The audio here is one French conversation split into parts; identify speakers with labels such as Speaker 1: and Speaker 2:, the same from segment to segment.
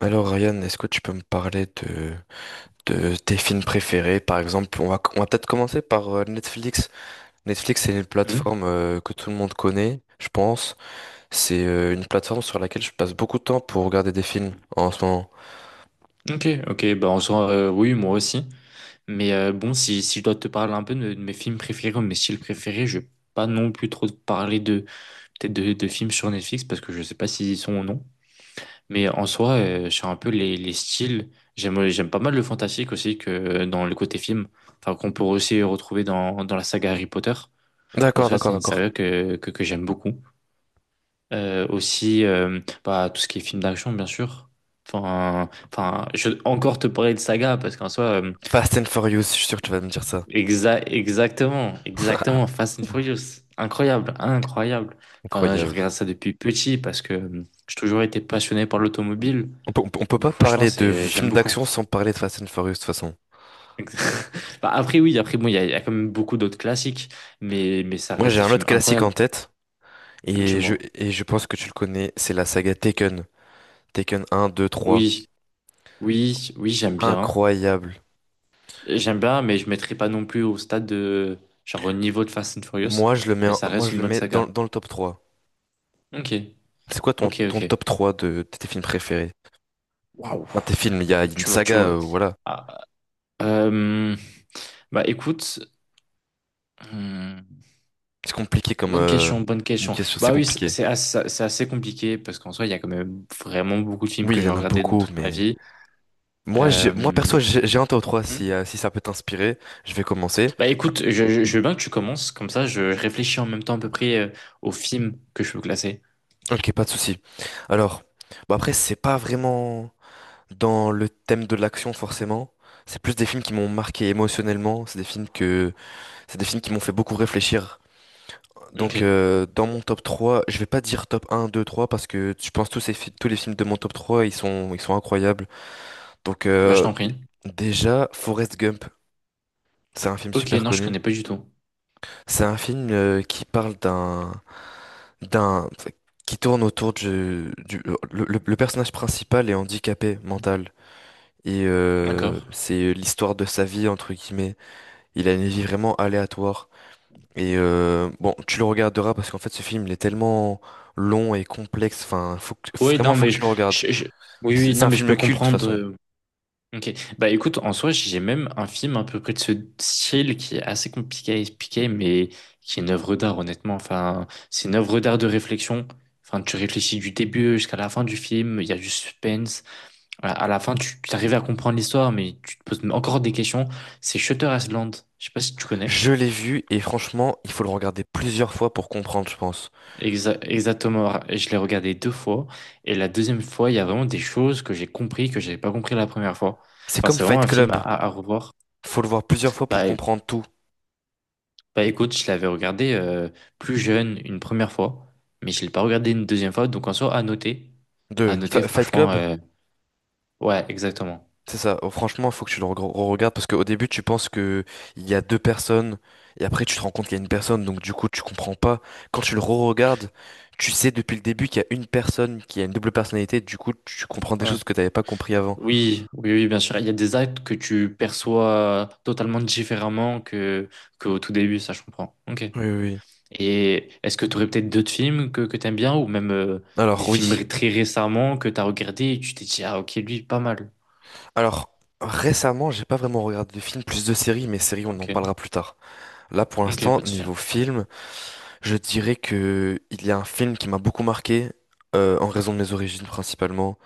Speaker 1: Alors Ryan, est-ce que tu peux me parler de tes films préférés? Par exemple, on va peut-être commencer par Netflix. Netflix, c'est une
Speaker 2: Hmm.
Speaker 1: plateforme que tout le monde connaît, je pense. C'est une plateforme sur laquelle je passe beaucoup de temps pour regarder des films en ce moment.
Speaker 2: Ok, ok, bah en soi, oui, moi aussi. Mais bon, si je dois te parler un peu de mes films préférés ou mes styles préférés, je vais pas non plus trop te parler de peut-être de films sur Netflix parce que je sais pas s'ils y sont ou non. Mais en soi, sur un peu les styles, j'aime pas mal le fantastique aussi que dans le côté film, enfin qu'on peut aussi retrouver dans la saga Harry Potter. En
Speaker 1: D'accord,
Speaker 2: soi,
Speaker 1: d'accord,
Speaker 2: c'est une
Speaker 1: d'accord.
Speaker 2: saga que j'aime beaucoup. Aussi, bah, tout ce qui est film d'action, bien sûr. Enfin, je vais encore te parler de saga parce qu'en soi, euh,
Speaker 1: Fast and Furious, je suis sûr que tu vas me dire ça.
Speaker 2: exa- exactement, exactement, Fast and Furious, incroyable, incroyable. Enfin, je
Speaker 1: Incroyable.
Speaker 2: regarde ça depuis petit parce que j'ai toujours été passionné par l'automobile.
Speaker 1: On peut
Speaker 2: Donc,
Speaker 1: pas
Speaker 2: franchement,
Speaker 1: parler de
Speaker 2: c'est, j'aime
Speaker 1: films
Speaker 2: beaucoup.
Speaker 1: d'action sans parler de Fast and Furious de toute façon.
Speaker 2: Bah, après, oui, après, bon, il y a quand même beaucoup d'autres classiques, mais ça
Speaker 1: Moi,
Speaker 2: reste
Speaker 1: j'ai
Speaker 2: des
Speaker 1: un autre
Speaker 2: films
Speaker 1: classique
Speaker 2: incroyables.
Speaker 1: en tête et je,
Speaker 2: Dis-moi.
Speaker 1: et je pense que tu le connais, c'est la saga Taken. Taken un, 2, 3.
Speaker 2: Oui, oui, oui, j'aime bien.
Speaker 1: Incroyable.
Speaker 2: J'aime bien, mais je mettrai pas non plus au stade de, genre au niveau de Fast and Furious,
Speaker 1: Moi, je le mets,
Speaker 2: mais
Speaker 1: en-
Speaker 2: ça
Speaker 1: moi,
Speaker 2: reste
Speaker 1: je
Speaker 2: une
Speaker 1: le
Speaker 2: bonne
Speaker 1: mets dans,
Speaker 2: saga.
Speaker 1: dans le top 3.
Speaker 2: Ok,
Speaker 1: C'est quoi ton,
Speaker 2: ok,
Speaker 1: ton
Speaker 2: ok.
Speaker 1: top 3 de tes films préférés?
Speaker 2: Waouh,
Speaker 1: Enfin, tes films, il y a une
Speaker 2: tu me, tu
Speaker 1: saga,
Speaker 2: me-
Speaker 1: voilà.
Speaker 2: Ah, euh, bah écoute, hmm,
Speaker 1: C'est compliqué
Speaker 2: bonne question, bonne
Speaker 1: c'est une
Speaker 2: question.
Speaker 1: question, c'est
Speaker 2: Bah oui, c'est
Speaker 1: compliqué.
Speaker 2: c'est assez, c'est assez compliqué parce qu'en soi, il y a quand même vraiment beaucoup de films
Speaker 1: Oui, il
Speaker 2: que
Speaker 1: y
Speaker 2: j'ai
Speaker 1: en a
Speaker 2: regardés dans
Speaker 1: beaucoup,
Speaker 2: toute ma
Speaker 1: mais.
Speaker 2: vie.
Speaker 1: Moi, j'ai,
Speaker 2: Euh,
Speaker 1: moi perso, j'ai un top 3.
Speaker 2: hmm.
Speaker 1: Si ça peut t'inspirer, je vais commencer.
Speaker 2: Bah écoute, je veux bien que tu commences, comme ça, je réfléchis en même temps à peu près aux films que je peux classer.
Speaker 1: Ok, pas de souci. Alors, bah après, c'est pas vraiment dans le thème de l'action, forcément. C'est plus des films qui m'ont marqué émotionnellement. C'est des films qui m'ont fait beaucoup réfléchir.
Speaker 2: Ok,
Speaker 1: Donc dans mon top 3 je vais pas dire top un 2 3 parce que je pense tous, tous les films de mon top 3 ils sont incroyables. Donc,
Speaker 2: bah je t'en prie.
Speaker 1: déjà, Forrest Gump, c'est un film
Speaker 2: Ok,
Speaker 1: super
Speaker 2: non, je
Speaker 1: connu.
Speaker 2: connais pas du tout.
Speaker 1: C'est un film qui parle d'un, qui tourne autour du le personnage principal est handicapé mental. Et
Speaker 2: D'accord.
Speaker 1: c'est l'histoire de sa vie, entre guillemets. Il a une vie vraiment aléatoire. Et bon, tu le regarderas parce qu'en fait, ce film, il est tellement long et complexe. Enfin,
Speaker 2: Oui,
Speaker 1: vraiment,
Speaker 2: non,
Speaker 1: faut que
Speaker 2: mais
Speaker 1: tu le regardes.
Speaker 2: je, je- oui,
Speaker 1: C'est
Speaker 2: oui,
Speaker 1: c'est
Speaker 2: non,
Speaker 1: un
Speaker 2: mais je
Speaker 1: film
Speaker 2: peux
Speaker 1: culte, de toute
Speaker 2: comprendre.
Speaker 1: façon.
Speaker 2: Ok. Bah écoute, en soi, j'ai même un film à peu près de ce style qui est assez compliqué à expliquer, mais qui est une œuvre d'art, honnêtement. Enfin, c'est une œuvre d'art de réflexion. Enfin, tu réfléchis du début jusqu'à la fin du film, il y a du suspense. À la fin, tu arrives à comprendre l'histoire, mais tu te poses encore des questions. C'est Shutter Island. Je sais pas si tu connais.
Speaker 1: Je l'ai vu et franchement, il faut le regarder plusieurs fois pour comprendre, je pense.
Speaker 2: Exactement, je l'ai regardé deux fois et la deuxième fois, il y a vraiment des choses que j'ai compris que j'avais pas compris la première fois.
Speaker 1: C'est
Speaker 2: Enfin,
Speaker 1: comme
Speaker 2: c'est vraiment
Speaker 1: Fight
Speaker 2: un film
Speaker 1: Club.
Speaker 2: à revoir.
Speaker 1: Faut le voir plusieurs fois pour
Speaker 2: Bah, é-
Speaker 1: comprendre tout.
Speaker 2: bah écoute, je l'avais regardé plus jeune une première fois, mais je l'ai pas regardé une deuxième fois, donc en soi, à noter. À noter,
Speaker 1: Fight
Speaker 2: franchement,
Speaker 1: Club,
Speaker 2: ouais, exactement.
Speaker 1: c'est ça. Oh, franchement, faut que tu le re-regardes parce qu'au début, tu penses que il y a deux personnes et après, tu te rends compte qu'il y a une personne. Donc, du coup, tu comprends pas. Quand tu le re-regardes, tu sais depuis le début qu'il y a une personne qui a une double personnalité. Du coup, tu comprends des
Speaker 2: Ouais.
Speaker 1: choses que t'avais pas compris avant.
Speaker 2: Oui, oui, oui, bien sûr. Il y a des actes que tu perçois totalement différemment que au tout début, ça je comprends. Ok.
Speaker 1: Oui, oui, oui.
Speaker 2: Et est-ce que tu aurais peut-être d'autres films que tu aimes bien ou même des
Speaker 1: Alors,
Speaker 2: films
Speaker 1: oui.
Speaker 2: très récemment que tu as regardé et tu t'es dit, ah ok, lui, pas mal.
Speaker 1: Alors, récemment, j'ai pas vraiment regardé de films, plus de séries, mais séries, on en
Speaker 2: Ok,
Speaker 1: parlera plus tard. Là, pour
Speaker 2: ok,
Speaker 1: l'instant,
Speaker 2: pas de souci.
Speaker 1: niveau film, je dirais que il y a un film qui m'a beaucoup marqué en raison de mes origines principalement.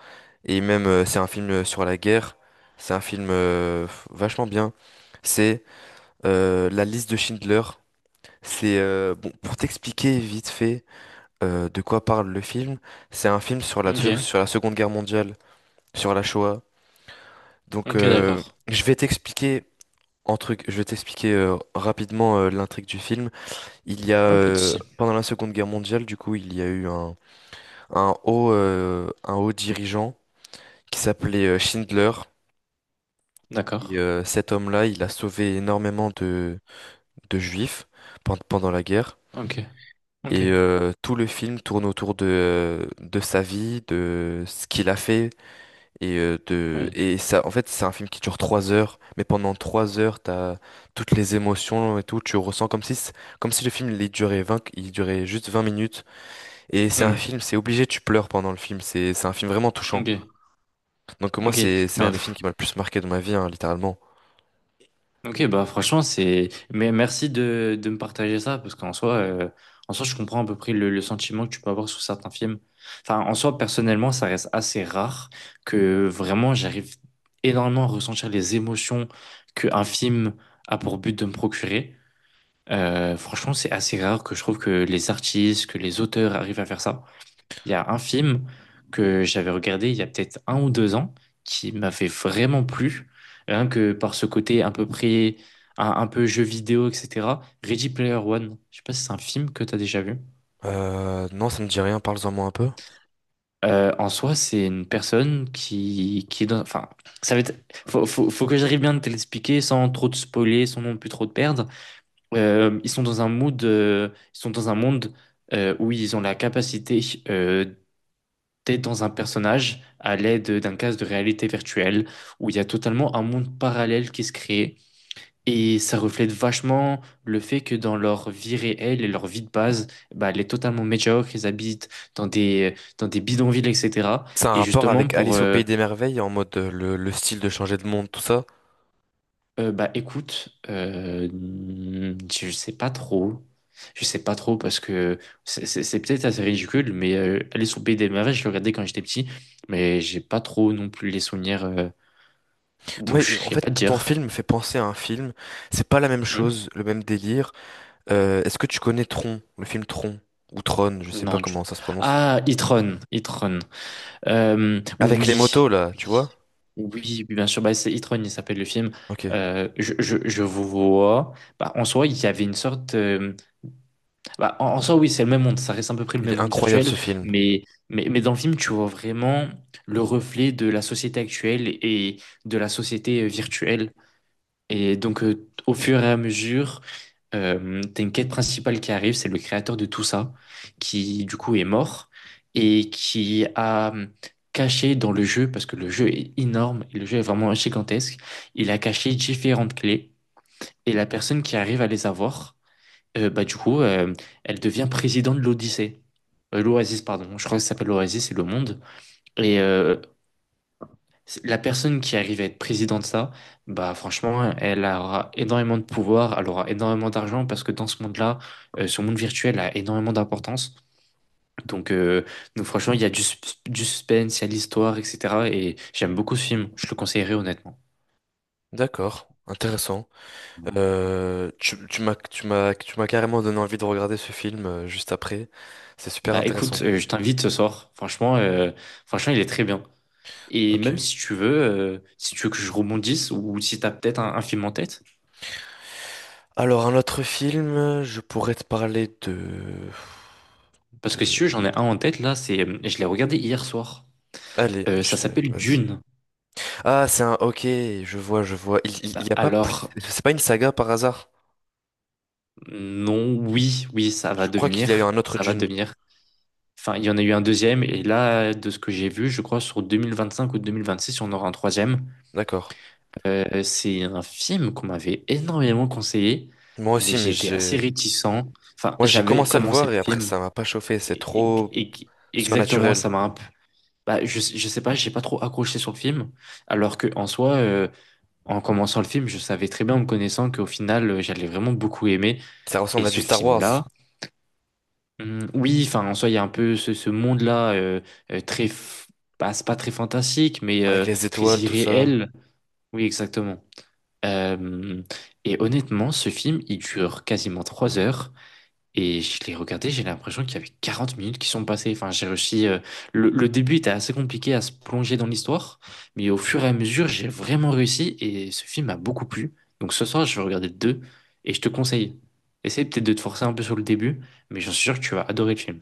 Speaker 1: Et même, c'est un film sur la guerre. C'est un film vachement bien. C'est La liste de Schindler. C'est bon, pour t'expliquer vite fait de quoi parle le film. C'est un film
Speaker 2: Ok,
Speaker 1: sur la Seconde Guerre mondiale, sur la Shoah. Donc,
Speaker 2: ok, d'accord.
Speaker 1: je vais t'expliquer rapidement l'intrigue du film. Il y a
Speaker 2: Ouais, pas de souci.
Speaker 1: pendant la Seconde Guerre mondiale, du coup, il y a eu un haut dirigeant qui s'appelait Schindler. Et
Speaker 2: D'accord.
Speaker 1: cet homme-là, il a sauvé énormément de juifs pendant la guerre.
Speaker 2: Ok, ok.
Speaker 1: Et tout le film tourne autour de sa vie, de ce qu'il a fait. Et, euh, de,
Speaker 2: Oui.
Speaker 1: et ça, en fait, c'est un film qui dure 3 heures. Mais pendant 3 heures, t'as toutes les émotions et tout. Tu ressens comme si, comme si le film il durait juste 20 minutes. Et c'est un
Speaker 2: Hmm.
Speaker 1: film, c'est obligé, tu pleures pendant le film. C'est un film vraiment touchant.
Speaker 2: Ok,
Speaker 1: Donc moi,
Speaker 2: ok.
Speaker 1: c'est un des films
Speaker 2: Bref.
Speaker 1: qui m'a le plus marqué de ma vie, hein, littéralement.
Speaker 2: Ok, bah franchement, c'est. Mais merci de me partager ça, parce qu'en soi, en soi, je comprends à peu près le sentiment que tu peux avoir sur certains films. Enfin, en soi, personnellement, ça reste assez rare que vraiment j'arrive énormément à ressentir les émotions qu'un film a pour but de me procurer. Franchement, c'est assez rare que je trouve que les artistes, que les auteurs arrivent à faire ça. Il y a un film que j'avais regardé il y a peut-être un ou deux ans qui m'avait vraiment plu, rien que par ce côté à peu près un peu jeu vidéo, etc. Ready Player One, je sais pas si c'est un film que tu as déjà vu.
Speaker 1: Non, ça me dit rien. Parle-en moi un peu.
Speaker 2: En soi, c'est une personne qui est dans... Enfin, ça va être... Faut que j'arrive bien de te l'expliquer sans trop te spoiler, sans non plus trop te perdre. Euh, ils sont dans un mood... euh, ils sont dans un monde où ils ont la capacité euh, t'es dans un personnage à l'aide d'un casque de réalité virtuelle où il y a totalement un monde parallèle qui se crée et ça reflète vachement le fait que dans leur vie réelle et leur vie de base, bah, elle est totalement médiocre, ils habitent dans des bidonvilles, etc.
Speaker 1: C'est un
Speaker 2: Et
Speaker 1: rapport
Speaker 2: justement
Speaker 1: avec
Speaker 2: pour,
Speaker 1: Alice au Pays des Merveilles, en mode le style de changer de monde, tout ça.
Speaker 2: bah écoute, je sais pas trop, je sais pas trop parce que c'est peut-être assez ridicule, mais aller sur BD, je le regardais quand j'étais petit, mais j'ai pas trop non plus les souvenirs.
Speaker 1: Moi,
Speaker 2: Donc, je ne
Speaker 1: en
Speaker 2: sais
Speaker 1: fait,
Speaker 2: pas
Speaker 1: ton
Speaker 2: dire.
Speaker 1: film me fait penser à un film. C'est pas la même
Speaker 2: Hmm.
Speaker 1: chose, le même délire. Est-ce que tu connais Tron, le film Tron, ou Tron, je sais pas
Speaker 2: Non, du...
Speaker 1: comment ça se prononce.
Speaker 2: Ah, Itron. Itron.
Speaker 1: Avec les
Speaker 2: Oui.
Speaker 1: motos, là, tu
Speaker 2: Oui.
Speaker 1: vois?
Speaker 2: Oui, oui, bien sûr. Bah, c'est Itron, il s'appelle le film.
Speaker 1: Ok.
Speaker 2: Je vous vois. Bah, en soi, il y avait une sorte. Bah, en soi, oui, c'est le même monde. Ça reste à peu près le
Speaker 1: Il est
Speaker 2: même monde
Speaker 1: incroyable, ce
Speaker 2: virtuel.
Speaker 1: film.
Speaker 2: Mais, mais, dans le film, tu vois vraiment le reflet de la société actuelle et de la société virtuelle. Et donc, au fur et à mesure. T'as une quête principale qui arrive, c'est le créateur de tout ça, qui du coup est mort et qui a caché dans le jeu, parce que le jeu est énorme et le jeu est vraiment gigantesque, il a caché différentes clés et la personne qui arrive à les avoir, bah du coup, elle devient présidente de l'Odyssée. L'Oasis, pardon. Je crois que ça s'appelle l'Oasis, c'est le monde. Et la personne qui arrive à être présidente de ça, bah franchement, elle aura énormément de pouvoir, elle aura énormément d'argent parce que dans ce monde-là, ce monde virtuel a énormément d'importance. Donc, euh, donc, franchement, il y a du suspense, il y a de l'histoire, etc. Et j'aime beaucoup ce film, je le conseillerais honnêtement.
Speaker 1: D'accord. Intéressant. Tu m'as carrément donné envie de regarder ce film juste après. C'est super
Speaker 2: Bah
Speaker 1: intéressant.
Speaker 2: écoute, je t'invite ce soir. Franchement, il est très bien. Et
Speaker 1: Ok.
Speaker 2: même si tu veux, que je rebondisse ou si t'as peut-être un film en tête,
Speaker 1: Alors, un autre film, je pourrais te parler de...
Speaker 2: parce que si tu
Speaker 1: de...
Speaker 2: veux, j'en ai un en tête là, c'est, je l'ai regardé hier soir.
Speaker 1: Allez,
Speaker 2: Ça s'appelle
Speaker 1: vas-y.
Speaker 2: Dune.
Speaker 1: Ok, je vois, je vois. Il, il, il y
Speaker 2: Bah,
Speaker 1: a pas plus.
Speaker 2: alors,
Speaker 1: C'est pas une saga par hasard?
Speaker 2: non, oui, oui, ça va
Speaker 1: Je crois qu'il y a eu
Speaker 2: devenir,
Speaker 1: un autre
Speaker 2: ça va
Speaker 1: Dune.
Speaker 2: devenir. Enfin, il y en a eu un deuxième, et là, de ce que j'ai vu, je crois sur 2025 ou 2026, on aura un troisième.
Speaker 1: D'accord.
Speaker 2: C'est un film qu'on m'avait énormément conseillé,
Speaker 1: Moi
Speaker 2: mais
Speaker 1: aussi, mais
Speaker 2: j'étais assez
Speaker 1: j'ai.
Speaker 2: réticent. Enfin,
Speaker 1: Moi, j'ai
Speaker 2: j'avais
Speaker 1: commencé à le
Speaker 2: commencé
Speaker 1: voir
Speaker 2: le
Speaker 1: et après,
Speaker 2: film,
Speaker 1: ça m'a pas chauffé. C'est
Speaker 2: et,
Speaker 1: trop
Speaker 2: et- exactement, ça
Speaker 1: surnaturel.
Speaker 2: m'a un peu... Bah, je sais pas, j'ai pas trop accroché sur le film, alors que en soi, en commençant le film, je savais très bien en me connaissant qu'au final, j'allais vraiment beaucoup aimer.
Speaker 1: Ça
Speaker 2: Et
Speaker 1: ressemble à du
Speaker 2: ce
Speaker 1: Star
Speaker 2: film-là,
Speaker 1: Wars.
Speaker 2: Oui, enfin, en soi, il y a un peu ce monde-là euh, très, f- bah, c'est pas très fantastique, mais
Speaker 1: Avec les
Speaker 2: très
Speaker 1: étoiles, tout ça.
Speaker 2: irréel. Oui, exactement. Euh, et honnêtement, ce film, il dure quasiment 3 heures. Et je l'ai regardé, j'ai l'impression qu'il y avait 40 minutes qui sont passées. Enfin, j'ai réussi. Le début était assez compliqué à se plonger dans l'histoire, mais au fur et à mesure, j'ai vraiment réussi et ce film m'a beaucoup plu. Donc ce soir, je vais regarder le deux et je te conseille. Essaye peut-être de te forcer un peu sur le début, mais j'en suis sûr que tu vas adorer le film.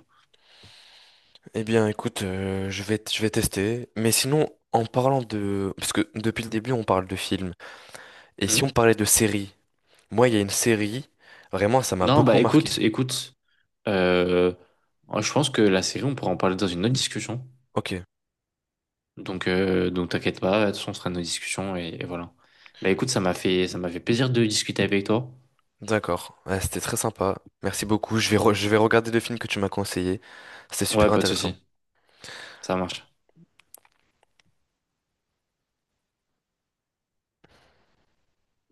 Speaker 1: Eh bien, écoute, je vais tester. Mais sinon, parce que depuis le début, on parle de films. Et si on
Speaker 2: Hmm.
Speaker 1: parlait de séries? Moi, il y a une série. Vraiment, ça m'a
Speaker 2: Non, bah
Speaker 1: beaucoup marqué.
Speaker 2: écoute, euh, moi, je pense que la série, on pourra en parler dans une autre discussion.
Speaker 1: Ok.
Speaker 2: Donc, t'inquiète pas, de toute façon, on sera dans nos discussions et voilà. Bah écoute, ça m'a fait plaisir de discuter avec toi.
Speaker 1: D'accord, ouais, c'était très sympa. Merci beaucoup. Je vais regarder le film que tu m'as conseillé. C'était super
Speaker 2: Ouais, pas de
Speaker 1: intéressant.
Speaker 2: souci, ça marche.